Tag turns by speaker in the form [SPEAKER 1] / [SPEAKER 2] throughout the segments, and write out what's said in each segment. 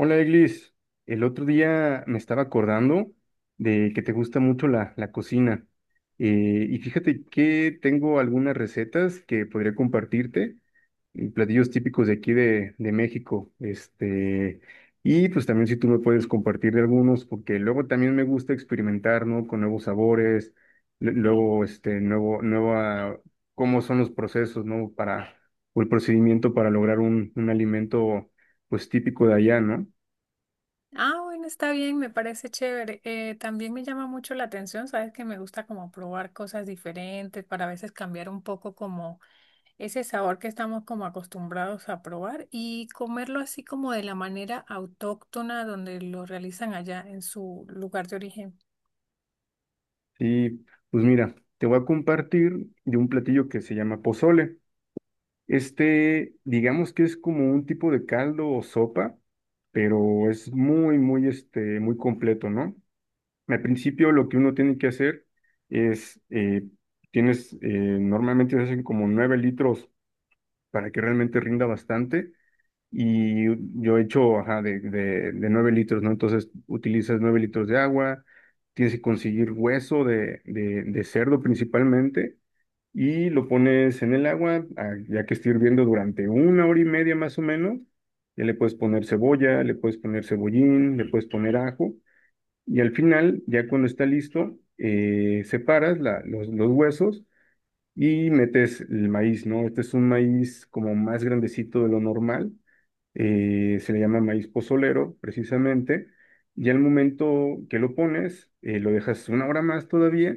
[SPEAKER 1] Hola, Eglis. El otro día me estaba acordando de que te gusta mucho la cocina. Y fíjate que tengo algunas recetas que podría compartirte, y platillos típicos de aquí de México. Y pues también si tú me puedes compartir de algunos, porque luego también me gusta experimentar, ¿no? Con nuevos sabores, nueva, cómo son los procesos, ¿no? Para, o el procedimiento para lograr un alimento, pues típico de allá, ¿no?
[SPEAKER 2] Ah, bueno, está bien, me parece chévere. También me llama mucho la atención, sabes que me gusta como probar cosas diferentes para a veces cambiar un poco como ese sabor que estamos como acostumbrados a probar y comerlo así como de la manera autóctona donde lo realizan allá en su lugar de origen.
[SPEAKER 1] Sí, pues mira, te voy a compartir de un platillo que se llama pozole. Digamos que es como un tipo de caldo o sopa, pero es muy, muy, muy completo, ¿no? Al principio lo que uno tiene que hacer es, tienes, eh, normalmente se hacen como nueve litros para que realmente rinda bastante. Y yo he hecho, ajá, de 9 litros, ¿no? Entonces utilizas 9 litros de agua, tienes que conseguir hueso de cerdo principalmente y lo pones en el agua, ah, ya que esté hirviendo durante una hora y media más o menos. Ya le puedes poner cebolla, le puedes poner cebollín, le puedes poner ajo y al final, ya cuando está listo, separas los huesos y metes el maíz, ¿no? Este es un maíz como más grandecito de lo normal, se le llama maíz pozolero, precisamente. Y al momento que lo pones, lo dejas una hora más todavía,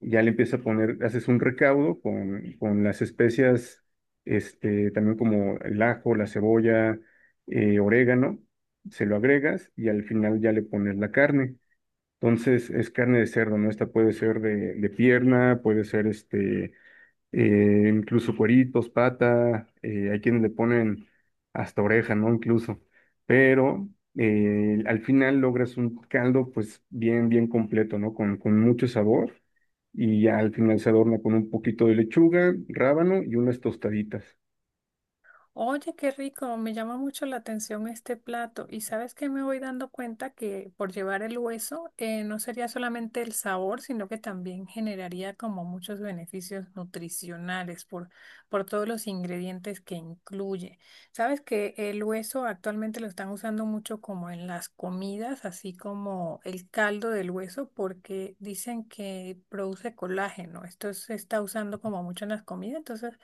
[SPEAKER 1] ya le empiezas a poner, haces un recaudo con las especias, también como el ajo, la cebolla, orégano, se lo agregas y al final ya le pones la carne. Entonces es carne de cerdo, ¿no? Esta puede ser de pierna, puede ser incluso cueritos, pata, hay quienes le ponen hasta oreja, ¿no? Incluso, pero al final logras un caldo pues bien, bien completo, ¿no? Con mucho sabor y ya al final se adorna con un poquito de lechuga, rábano y unas tostaditas.
[SPEAKER 2] Oye, qué rico, me llama mucho la atención este plato. Y sabes que me voy dando cuenta que por llevar el hueso no sería solamente el sabor, sino que también generaría como muchos beneficios nutricionales por todos los ingredientes que incluye. Sabes que el hueso actualmente lo están usando mucho como en las comidas, así como el caldo del hueso, porque dicen que produce colágeno. Esto se está usando como mucho en las comidas, entonces.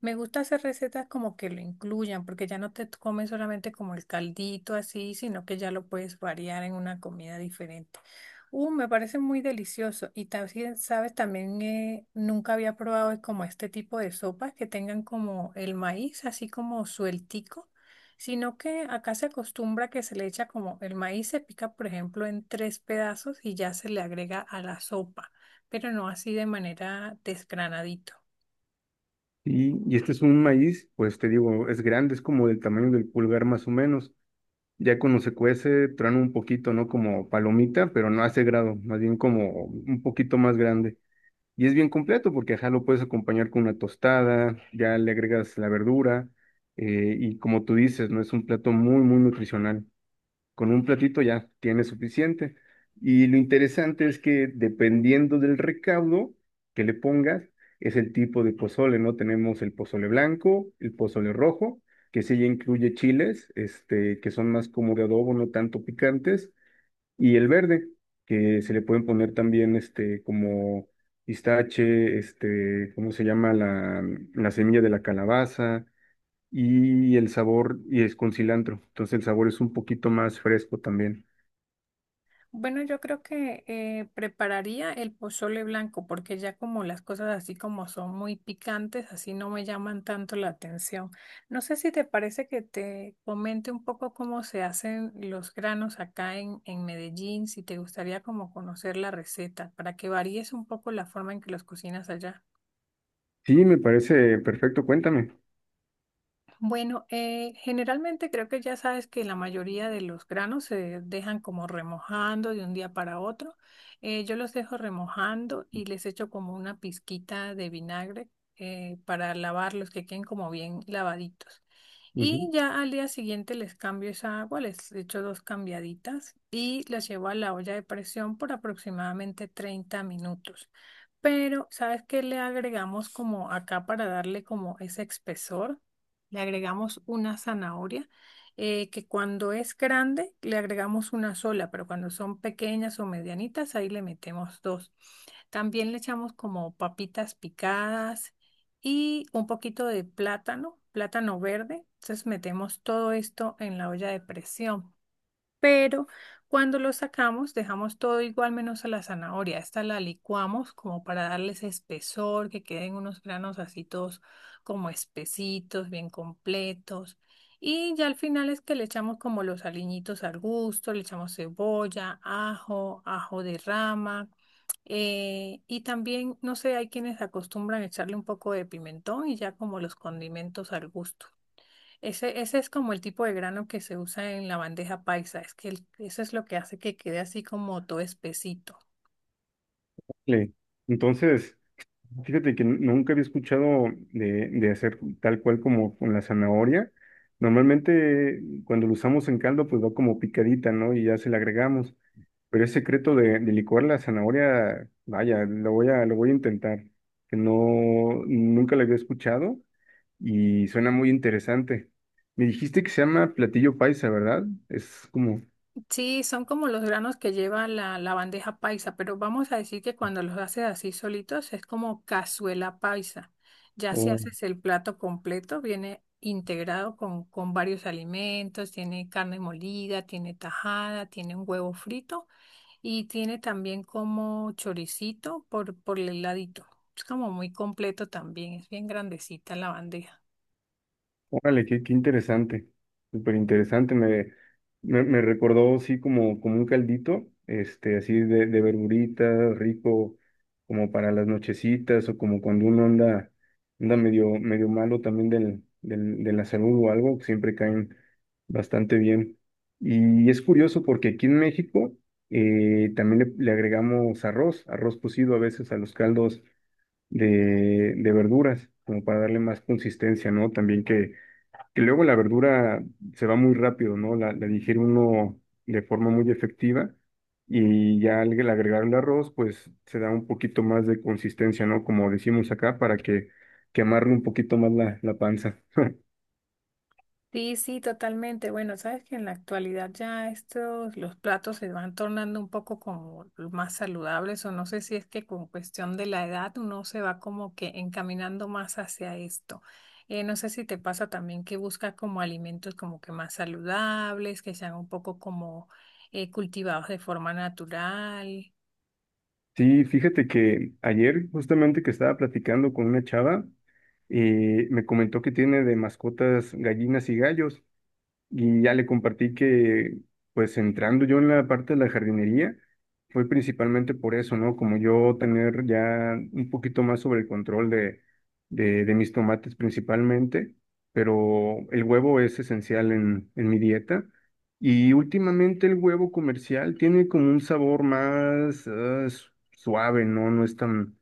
[SPEAKER 2] Me gusta hacer recetas como que lo incluyan, porque ya no te comes solamente como el caldito así, sino que ya lo puedes variar en una comida diferente. Me parece muy delicioso. Y también, sabes, también nunca había probado como este tipo de sopas que tengan como el maíz así como sueltico, sino que acá se acostumbra que se le echa como el maíz se pica, por ejemplo, en tres pedazos y ya se le agrega a la sopa, pero no así de manera desgranadito.
[SPEAKER 1] Y este es un maíz, pues te digo, es grande, es como del tamaño del pulgar más o menos. Ya cuando se cuece, truena un poquito, ¿no? Como palomita, pero no hace grado, más bien como un poquito más grande. Y es bien completo porque ajá, lo puedes acompañar con una tostada, ya le agregas la verdura, y como tú dices, no es un plato muy, muy nutricional. Con un platito ya tienes suficiente. Y lo interesante es que dependiendo del recaudo que le pongas, es el tipo de pozole, ¿no? Tenemos el pozole blanco, el pozole rojo, que sí ya incluye chiles, que son más como de adobo, no tanto picantes. Y el verde, que se le pueden poner también como pistache, ¿cómo se llama? La semilla de la calabaza y el sabor, y es con cilantro. Entonces el sabor es un poquito más fresco también.
[SPEAKER 2] Bueno, yo creo que prepararía el pozole blanco porque ya como las cosas así como son muy picantes, así no me llaman tanto la atención. No sé si te parece que te comente un poco cómo se hacen los granos acá en Medellín, si te gustaría como conocer la receta, para que varíes un poco la forma en que los cocinas allá.
[SPEAKER 1] Sí, me parece perfecto, cuéntame.
[SPEAKER 2] Bueno, generalmente creo que ya sabes que la mayoría de los granos se dejan como remojando de un día para otro. Yo los dejo remojando y les echo como una pizquita de vinagre para lavarlos, que queden como bien lavaditos. Y
[SPEAKER 1] Ujú.
[SPEAKER 2] ya al día siguiente les cambio esa agua, les echo dos cambiaditas y las llevo a la olla de presión por aproximadamente 30 minutos. Pero, ¿sabes qué le agregamos como acá para darle como ese espesor? Le agregamos una zanahoria, que cuando es grande le agregamos una sola, pero cuando son pequeñas o medianitas, ahí le metemos dos. También le echamos como papitas picadas y un poquito de plátano, plátano verde. Entonces metemos todo esto en la olla de presión pero cuando lo sacamos dejamos todo igual menos a la zanahoria. Esta la licuamos como para darles espesor, que queden unos granos así todos como espesitos, bien completos. Y ya al final es que le echamos como los aliñitos al gusto, le echamos cebolla, ajo, ajo de rama. Y también, no sé, hay quienes acostumbran a echarle un poco de pimentón y ya como los condimentos al gusto. Ese es como el tipo de grano que se usa en la bandeja paisa, es que eso es lo que hace que quede así como todo espesito.
[SPEAKER 1] Le- Entonces, fíjate que nunca había escuchado de hacer tal cual como con la zanahoria. Normalmente cuando lo usamos en caldo, pues va como picadita, ¿no? Y ya se le agregamos. Pero ese secreto de licuar la zanahoria, vaya, lo voy a intentar, que no, nunca lo había escuchado y suena muy interesante. Me dijiste que se llama platillo paisa, ¿verdad? Es como,
[SPEAKER 2] Sí, son como los granos que lleva la bandeja paisa, pero vamos a decir que cuando los haces así solitos es como cazuela paisa. Ya si
[SPEAKER 1] o
[SPEAKER 2] haces el plato completo, viene integrado con varios alimentos, tiene carne molida, tiene tajada, tiene un huevo frito. Y tiene también como choricito por el ladito. Es como muy completo también, es bien grandecita la bandeja.
[SPEAKER 1] Órale, qué, qué interesante, súper interesante. Me recordó, sí, como, como un caldito, así de verdurita, rico, como para las nochecitas o como cuando uno anda, anda medio, medio malo también de la salud o algo, siempre caen bastante bien. Y es curioso porque aquí en México, también le agregamos arroz, arroz cocido a veces a los caldos de verduras, como para darle más consistencia, ¿no? También que luego la verdura se va muy rápido, ¿no? La digiere uno de forma muy efectiva y ya al agregar el arroz, pues se da un poquito más de consistencia, ¿no? Como decimos acá, que amarre un poquito más la panza.
[SPEAKER 2] Sí, sí, totalmente. Bueno, sabes que en la actualidad ya estos, los platos se van tornando un poco como más saludables, o no sé si es que con cuestión de la edad uno se va como que encaminando más hacia esto. No sé si te pasa también que buscas como alimentos como que más saludables, que sean un poco como cultivados de forma natural.
[SPEAKER 1] Sí, fíjate que ayer justamente que estaba platicando con una chava, me comentó que tiene de mascotas gallinas y gallos. Y ya le compartí que, pues entrando yo en la parte de la jardinería, fue principalmente por eso, ¿no? Como yo tener ya un poquito más sobre el control de mis tomates principalmente, pero el huevo es esencial en mi dieta. Y últimamente el huevo comercial tiene como un sabor más ah, suave, ¿no? No es tan,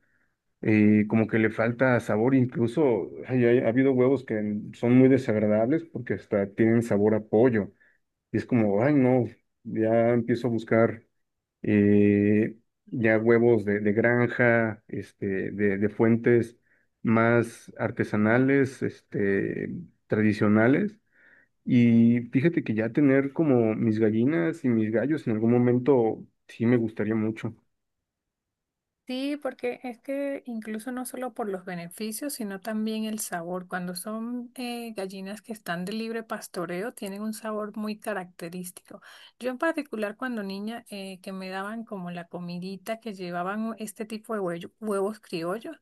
[SPEAKER 1] como que le falta sabor, incluso ay, ay, ha habido huevos que son muy desagradables porque hasta tienen sabor a pollo. Y es como, ay no, ya empiezo a buscar, eh, ya huevos de granja, de fuentes más artesanales, tradicionales. Y fíjate que ya tener como mis gallinas y mis gallos en algún momento sí me gustaría mucho.
[SPEAKER 2] Sí, porque es que incluso no solo por los beneficios, sino también el sabor. Cuando son gallinas que están de libre pastoreo, tienen un sabor muy característico. Yo en particular cuando niña, que me daban como la comidita que llevaban este tipo de huevos criollos,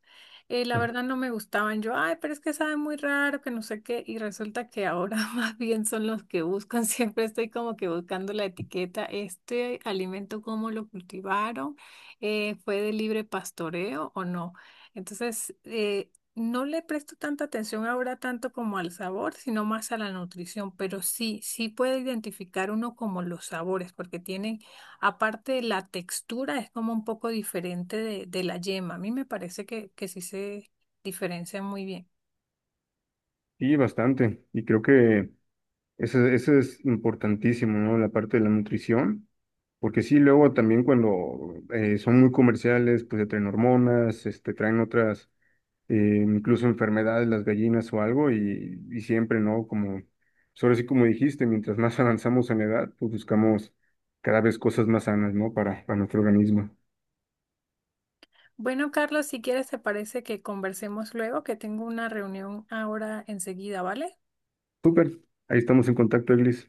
[SPEAKER 2] la
[SPEAKER 1] Ah.
[SPEAKER 2] verdad no me gustaban. Yo, ay, pero es que saben muy raro, que no sé qué. Y resulta que ahora más bien son los que buscan. Siempre estoy como que buscando la etiqueta, este alimento, cómo lo cultivaron fue de libre pastoreo o no. Entonces, no le presto tanta atención ahora tanto como al sabor, sino más a la nutrición, pero sí, sí puede identificar uno como los sabores, porque tienen, aparte de la textura, es como un poco diferente de la yema. A mí me parece que sí se diferencian muy bien.
[SPEAKER 1] Sí, bastante. Y creo que eso es importantísimo, ¿no? La parte de la nutrición, porque sí, luego también cuando son muy comerciales, pues te traen hormonas, traen otras, incluso enfermedades, las gallinas o algo, y siempre, ¿no? Como, pues ahora sí como dijiste, mientras más avanzamos en la edad, pues buscamos cada vez cosas más sanas, ¿no? Para nuestro organismo.
[SPEAKER 2] Bueno, Carlos, si quieres, te parece que conversemos luego, que tengo una reunión ahora enseguida, ¿vale?
[SPEAKER 1] Súper, ahí estamos en contacto, Eglis.